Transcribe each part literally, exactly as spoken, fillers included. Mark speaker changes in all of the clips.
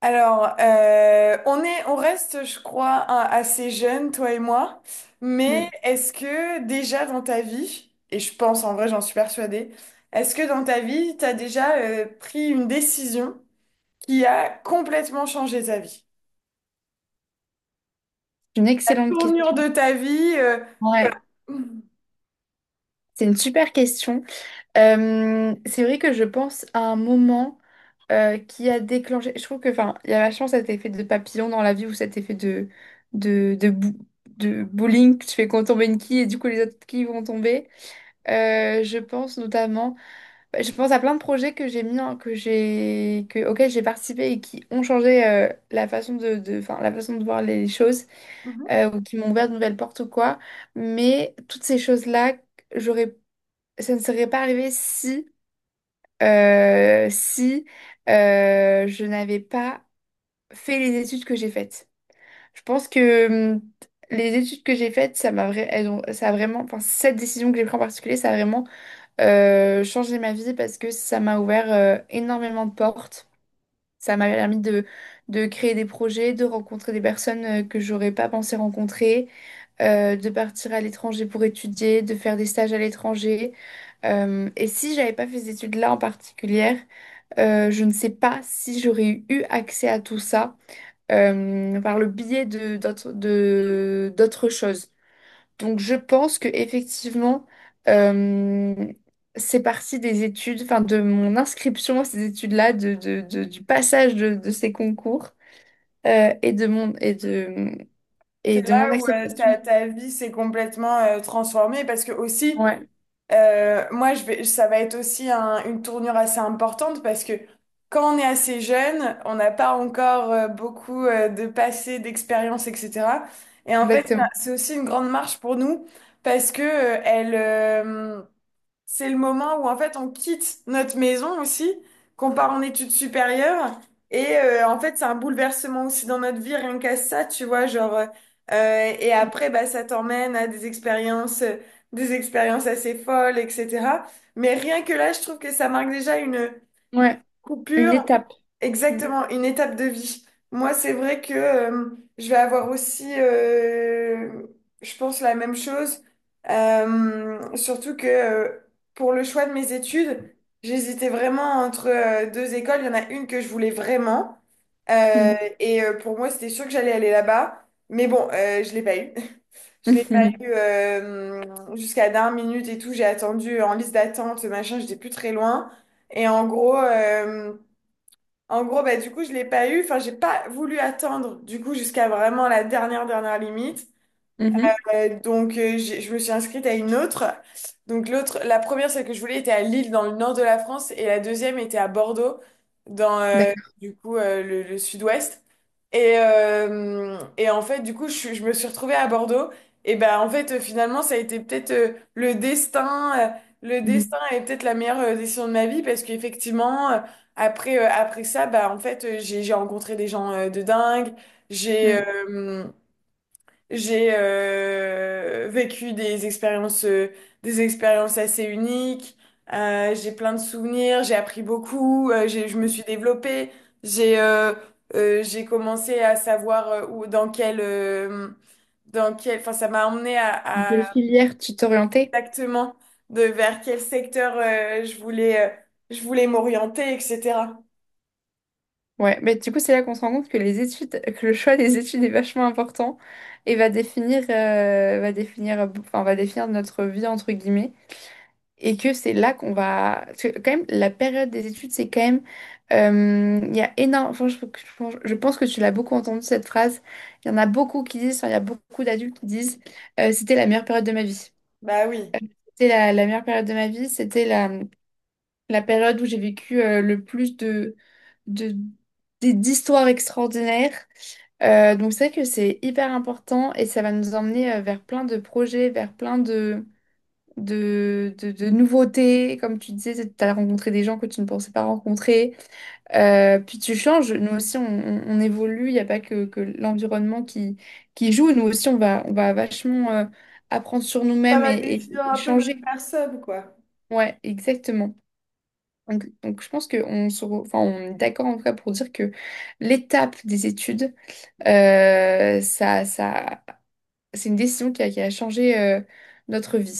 Speaker 1: Alors, euh, on est, on reste, je crois, un- assez jeunes, toi et moi. Mais
Speaker 2: Mm.
Speaker 1: est-ce que déjà dans ta vie, et je pense en vrai, j'en suis persuadée, est-ce que dans ta vie, t'as déjà euh, pris une décision qui a complètement changé ta vie?
Speaker 2: C'est une
Speaker 1: La
Speaker 2: excellente
Speaker 1: tournure
Speaker 2: question.
Speaker 1: de ta vie, euh,
Speaker 2: Ouais, c'est une super question. Euh, c'est vrai que je pense à un moment euh, qui a déclenché. Je trouve que, enfin, il y a vachement cet effet de papillon dans la vie ou cet effet de de de, bou- de bowling. Tu fais qu'on tombe une quille et du coup les autres quilles vont tomber. Euh, je pense notamment, bah, je pense à plein de projets que j'ai mis, en- que j'ai, que, auxquels j'ai participé et qui ont changé euh, la façon de, de, enfin, la façon de voir les choses,
Speaker 1: Mhm.
Speaker 2: euh, ou qui m'ont ouvert de nouvelles portes ou quoi. Mais toutes ces choses-là, j'aurais, ça ne serait pas arrivé si, euh, si euh, je n'avais pas fait les études que j'ai faites. Je pense que hum, les études que j'ai faites, ça m'a, vra- elles ont- ça a vraiment, enfin, cette décision que j'ai prise en particulier, ça a vraiment euh, changer ma vie parce que ça m'a ouvert euh, énormément de portes. Ça m'a permis de, de créer des projets, de rencontrer des personnes euh, que j'aurais pas pensé rencontrer, euh, de partir à l'étranger pour étudier, de faire des stages à l'étranger. Euh, et si j'avais pas fait ces études-là en particulier, euh, je ne sais pas si j'aurais eu accès à tout ça euh, par le biais de d'autres de- d'autres choses. Donc je pense que effectivement euh, c'est parti des études, enfin de mon inscription à ces études-là, de, de- de- du passage de, de ces concours euh, et de mon et de et
Speaker 1: C'est
Speaker 2: de mon
Speaker 1: là où euh,
Speaker 2: acceptation.
Speaker 1: ta, ta vie s'est complètement euh, transformée parce que aussi.
Speaker 2: Ouais,
Speaker 1: Euh, moi, je vais, ça va être aussi un- une tournure assez importante parce que quand on est assez jeune, on n'a pas encore euh, beaucoup euh, de passé, d'expérience, et cetera. Et en fait, ça-
Speaker 2: exactement.
Speaker 1: c'est aussi une grande marche pour nous parce que euh, elle, euh, c'est le moment où en fait on quitte notre maison aussi, qu'on part en études supérieures. Et euh, en fait, c'est un bouleversement aussi dans notre vie, rien qu'à ça, tu vois, genre. euh, euh, Et après, bah, ça t'emmène à des expériences, euh, des expériences assez folles, et cetera. Mais rien que là, je trouve que ça marque déjà une
Speaker 2: Ouais, une
Speaker 1: coupure.
Speaker 2: étape. Mm.
Speaker 1: Exactement, une étape de vie. Moi, c'est vrai que euh, je vais avoir aussi, euh, je pense, la même chose. Euh, surtout que euh, pour le choix de mes études, j'hésitais vraiment entre euh, deux écoles. Il y en a une que je voulais vraiment. Euh,
Speaker 2: Mm.
Speaker 1: et euh, pour moi, c'était sûr que j'allais aller là-bas. Mais bon, euh, je l'ai pas eu. Je l'ai pas
Speaker 2: Mhm.
Speaker 1: eu euh, jusqu'à dernière minute et tout. J'ai attendu en liste d'attente, machin, j'étais plus très loin. Et en gros... euh, en gros, Bah, du coup, je l'ai pas eu. Enfin, j'ai pas voulu attendre, du coup, jusqu'à vraiment la dernière, dernière limite.
Speaker 2: Mhm.
Speaker 1: Euh, donc, euh, j'ai- je me suis inscrite à une autre. Donc, l'autre, la première, celle que je voulais, était à Lille, dans le nord de la France, et la deuxième était à Bordeaux, dans euh,
Speaker 2: D'accord.
Speaker 1: du coup euh, le, le sud-ouest. Et, euh, et en fait, du coup, je, suis- je me suis retrouvée à Bordeaux. Et ben, en fait, euh, finalement, ça a été peut-être euh, le destin. euh, Le destin
Speaker 2: Mhm.
Speaker 1: est peut-être la meilleure euh, décision de ma vie parce qu'effectivement, euh, après, euh, après ça, bah, en fait, euh, j'ai j'ai rencontré des gens euh, de dingue. J'ai.
Speaker 2: Mm.
Speaker 1: euh, j'ai euh, vécu des expériences, euh, des expériences assez uniques. Euh, j'ai plein de souvenirs. J'ai appris beaucoup. Euh, j'ai, je me suis développée. J'ai euh, euh, j'ai commencé à savoir euh, où, dans quel, euh, dans quel, enfin, ça m'a emmené à,
Speaker 2: Quelle
Speaker 1: à
Speaker 2: filière tu t'orientais?
Speaker 1: exactement de vers quel secteur euh, je voulais, euh, je voulais m'orienter, et cetera.
Speaker 2: Ouais, mais du coup, c'est là qu'on se rend compte que les études, que le choix des études est vachement important et va définir, euh, va définir, enfin, va définir notre vie, entre guillemets. Et que c'est là qu'on va. Parce que, quand même, la période des études, c'est quand même. euh, Il y a énorme. Enfin, je, je pense je pense que tu l'as beaucoup entendu cette phrase. Il y en a beaucoup qui disent, enfin, il y a beaucoup d'adultes qui disent euh, c'était la meilleure période de ma vie.
Speaker 1: Bah oui.
Speaker 2: C'était la, la meilleure période de ma vie. C'était la, la période où j'ai vécu euh, le plus de, de, des- d'histoires extraordinaires. Euh, donc c'est vrai que c'est hyper important et ça va nous emmener euh, vers plein de projets, vers plein de, de, de, de nouveautés. Comme tu disais, tu as rencontré des gens que tu ne pensais pas rencontrer. Euh, puis tu changes. Nous aussi, on, on- on évolue. Il n'y a pas que, que l'environnement qui, qui joue. Nous aussi, on va, on va vachement euh, apprendre sur
Speaker 1: Ça
Speaker 2: nous-mêmes
Speaker 1: va
Speaker 2: et, et-
Speaker 1: définir
Speaker 2: et
Speaker 1: un peu notre
Speaker 2: changer.
Speaker 1: personne, quoi.
Speaker 2: Ouais, exactement. Donc, donc je pense qu'on se re- enfin, on est d'accord en tout cas pour dire que l'étape des études, euh, ça, ça c'est une décision qui a, qui a changé euh, notre vie.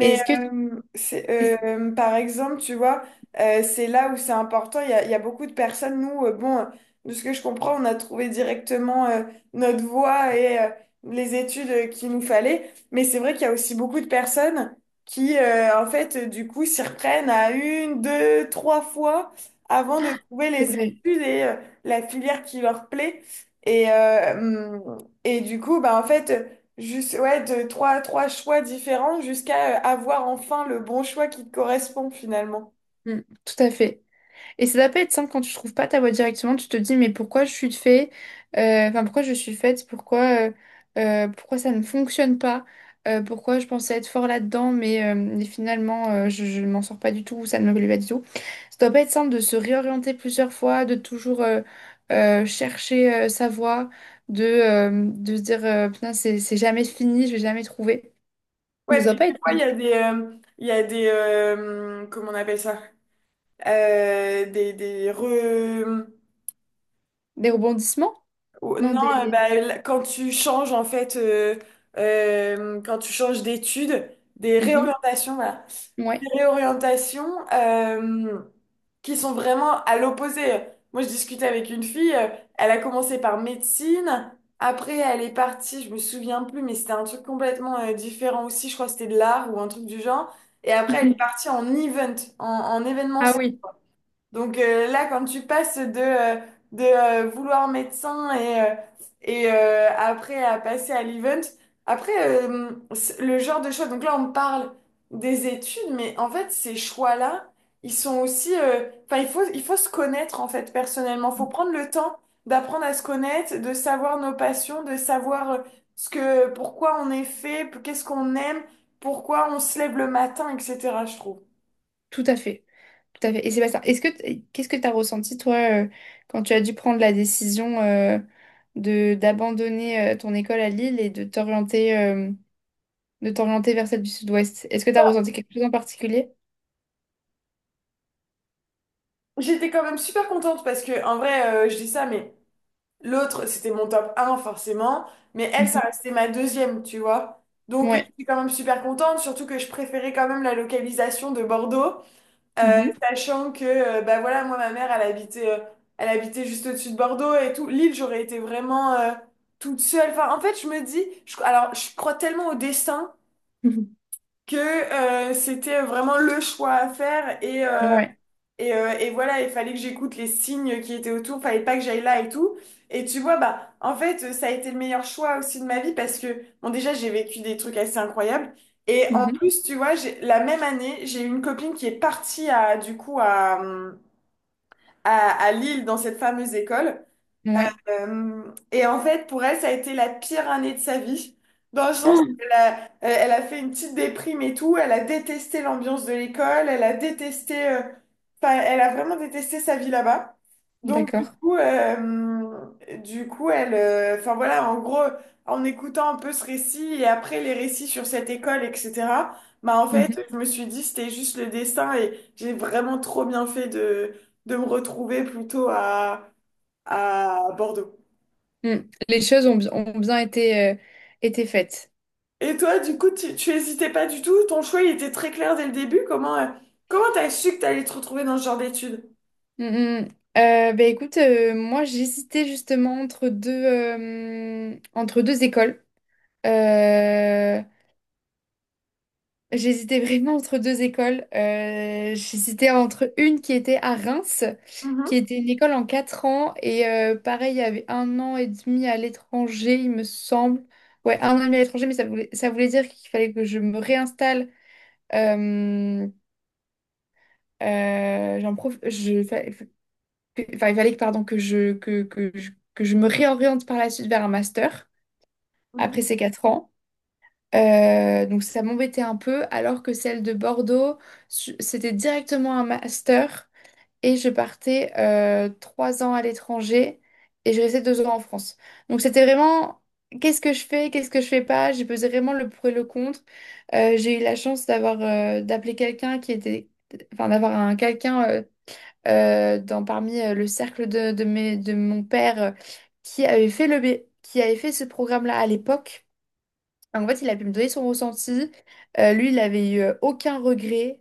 Speaker 2: Et est-ce que
Speaker 1: euh, c'est,
Speaker 2: est-ce que
Speaker 1: euh, par exemple, tu vois, euh, c'est là où c'est important. Il y a, il y a beaucoup de personnes, nous, euh, bon, euh, de ce que je comprends, on a trouvé directement euh, notre voie et euh, les études euh, qu'il nous fallait. Mais c'est vrai qu'il y a aussi beaucoup de personnes qui, euh, en fait, euh, du coup, s'y reprennent à une, deux, trois fois avant de trouver
Speaker 2: c'est
Speaker 1: les
Speaker 2: vrai?
Speaker 1: études et euh, la filière qui leur plaît. Et, euh, hum, et du coup, bah, en fait. Juste, ouais, de trois, trois choix différents jusqu'à euh, avoir enfin le bon choix qui te correspond finalement.
Speaker 2: Mm, tout à fait. Et ça doit pas être simple quand tu trouves pas ta voie directement, tu te dis mais pourquoi je suis fait, euh, enfin pourquoi je suis faite, pourquoi euh, euh, pourquoi ça ne fonctionne pas, euh, pourquoi je pensais être fort là-dedans, mais, euh, mais finalement euh, je, je ne m'en sors pas du tout, ou ça ne me plaît pas du tout. Ça doit pas être simple de se réorienter plusieurs fois, de toujours euh, euh, chercher euh, sa voie, de, euh, de se dire euh, putain c'est c'est jamais fini, je vais jamais trouver. Donc,
Speaker 1: Ouais,
Speaker 2: ça va
Speaker 1: puis
Speaker 2: pas
Speaker 1: des
Speaker 2: être
Speaker 1: fois, il y
Speaker 2: simple.
Speaker 1: a des, euh, il y a des euh, comment on appelle ça? Euh, des, des re...
Speaker 2: Des rebondissements?
Speaker 1: ou-
Speaker 2: Non,
Speaker 1: Non, euh,
Speaker 2: des...
Speaker 1: bah, l- quand tu changes en fait, euh, euh, quand tu changes d'études, des
Speaker 2: Mhm,
Speaker 1: réorientations, voilà.
Speaker 2: ouais.
Speaker 1: Des réorientations euh, qui sont vraiment à l'opposé. Moi, je discutais avec une fille, euh, elle a commencé par médecine, après elle est partie, je me souviens plus, mais c'était un truc complètement euh, différent aussi, je crois que c'était de l'art ou un truc du genre, et après elle est
Speaker 2: Mhm.
Speaker 1: partie en event, en, en
Speaker 2: Ah
Speaker 1: événementiel.
Speaker 2: oui,
Speaker 1: Donc euh, là, quand tu passes de, euh, de euh, vouloir médecin et, euh, et euh, après à passer à l'event, après euh, c'est le genre de choix, donc là on parle des études, mais en fait ces choix-là, ils sont aussi, euh, enfin il faut, il faut se connaître en fait personnellement, il faut prendre le temps d'apprendre à se connaître, de savoir nos passions, de savoir euh, ce que, pourquoi on est fait, qu'est-ce qu'on aime, pourquoi on se lève le matin, et cetera Je trouve.
Speaker 2: tout à fait. Tout à fait. Et c'est pas ça. Est-ce que t- qu'est-ce que tu as ressenti, toi, euh, quand tu as dû prendre la décision euh, de d'abandonner euh, ton école à Lille et de t'orienter euh, de t'orienter vers celle du Sud-Ouest? Est-ce que tu as ressenti quelque chose en particulier?
Speaker 1: J'étais quand même super contente parce que, en vrai, euh, je dis ça, mais l'autre, c'était mon top un forcément, mais elle, ça
Speaker 2: Mhm.
Speaker 1: restait ma deuxième, tu vois. Donc, euh,
Speaker 2: Ouais.
Speaker 1: j'étais quand même super contente, surtout que je préférais quand même la localisation de Bordeaux, euh,
Speaker 2: Mhm.
Speaker 1: sachant que, euh, bah voilà, moi, ma mère, elle habitait, euh, elle habitait juste au-dessus de Bordeaux et tout. L'île, j'aurais été vraiment euh, toute seule. Enfin, en fait, je me dis, je- alors, je crois tellement au destin
Speaker 2: Mhm.
Speaker 1: que euh, c'était vraiment le choix à faire et. euh,
Speaker 2: Ouais.
Speaker 1: Et, euh, et voilà, il fallait que j'écoute les signes qui étaient autour, fallait pas que j'aille là et tout. Et tu vois, bah, en fait, euh, ça a été le meilleur choix aussi de ma vie parce que, bon, déjà, j'ai vécu des trucs assez incroyables. Et en
Speaker 2: Mhm.
Speaker 1: plus, tu vois, j'ai, la même année, j'ai eu une copine qui est partie à, du coup, à, hum, à, à Lille dans cette fameuse école.
Speaker 2: Ouais.
Speaker 1: Euh, et en fait, pour elle, ça a été la pire année de sa vie, dans le sens
Speaker 2: Ah,
Speaker 1: qu'elle a, elle elle a fait une petite déprime et tout, elle a détesté l'ambiance de l'école, elle a détesté, euh, enfin, elle a vraiment détesté sa vie là-bas. Donc, du
Speaker 2: d'accord.
Speaker 1: coup, euh, du coup, elle, euh, enfin voilà, en gros, en écoutant un peu ce récit et après les récits sur cette école, et cetera, bah en
Speaker 2: Mhm.
Speaker 1: fait, je me suis dit, c'était juste le destin et j'ai vraiment trop bien fait de, de me retrouver plutôt à, à Bordeaux.
Speaker 2: Mm. Les choses ont, bi- ont bien été, euh, été faites.
Speaker 1: Et toi, du coup, tu, tu hésitais pas du tout? Ton choix, il était très clair dès le début. Comment, euh, comment t'as su que t'allais te retrouver dans ce genre d'études?
Speaker 2: Mm, mm. Euh, bah, écoute, euh, moi j'hésitais justement entre deux, euh, entre deux écoles. Euh, J'hésitais vraiment entre deux écoles. Euh, j'hésitais entre une qui était à Reims, qui
Speaker 1: Mhm,
Speaker 2: était une école en quatre ans, et euh, pareil, il y avait un an et demi à l'étranger, il me semble. Ouais, un an et demi à l'étranger, mais ça voulait, ça voulait dire qu'il fallait que je me réinstalle. Euh, euh, j'en prof... je... que- enfin, il fallait que, pardon, que je, que, que je, que je me réoriente par la suite vers un master
Speaker 1: mhm.
Speaker 2: après ces quatre ans. Euh, donc ça m'embêtait un peu, alors que celle de Bordeaux, su- c'était directement un master et je partais euh, trois ans à l'étranger et je restais deux ans en France. Donc c'était vraiment qu'est-ce que je fais, qu'est-ce que je fais pas, j'ai pesé vraiment le pour et le contre. Euh, j'ai eu la chance d'avoir euh, d'appeler quelqu'un qui était, enfin d'avoir un quelqu'un euh, euh, dans, parmi euh, le cercle de, de, mes- de mon père, euh, qui avait fait le, B- qui avait fait ce programme-là à l'époque. En fait, il a pu me donner son ressenti. Euh, lui, il avait eu euh, aucun regret.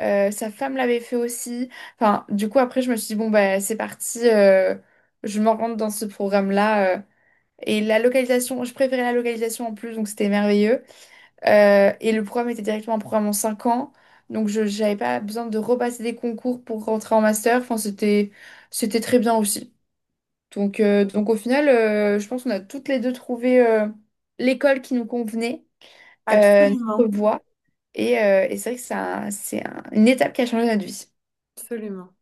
Speaker 2: Euh, sa femme l'avait fait aussi. Enfin, du coup, après, je me suis dit, bon, bah, c'est parti, euh, je m'en rentre dans ce programme-là. euh. Et la localisation, je préférais la localisation en plus, donc c'était merveilleux. Euh, et le programme était directement un programme en cinq ans. Donc, je n'avais pas besoin de repasser des concours pour rentrer en master. Enfin, c'était, c'était, très bien aussi. Donc, euh, donc au final, euh, je pense qu'on a toutes les deux trouvé euh, l'école qui nous convenait, euh, notre
Speaker 1: Absolument,
Speaker 2: voie. Et, euh, et c'est vrai que c'est un- c'est un- une étape qui a changé notre vie.
Speaker 1: absolument.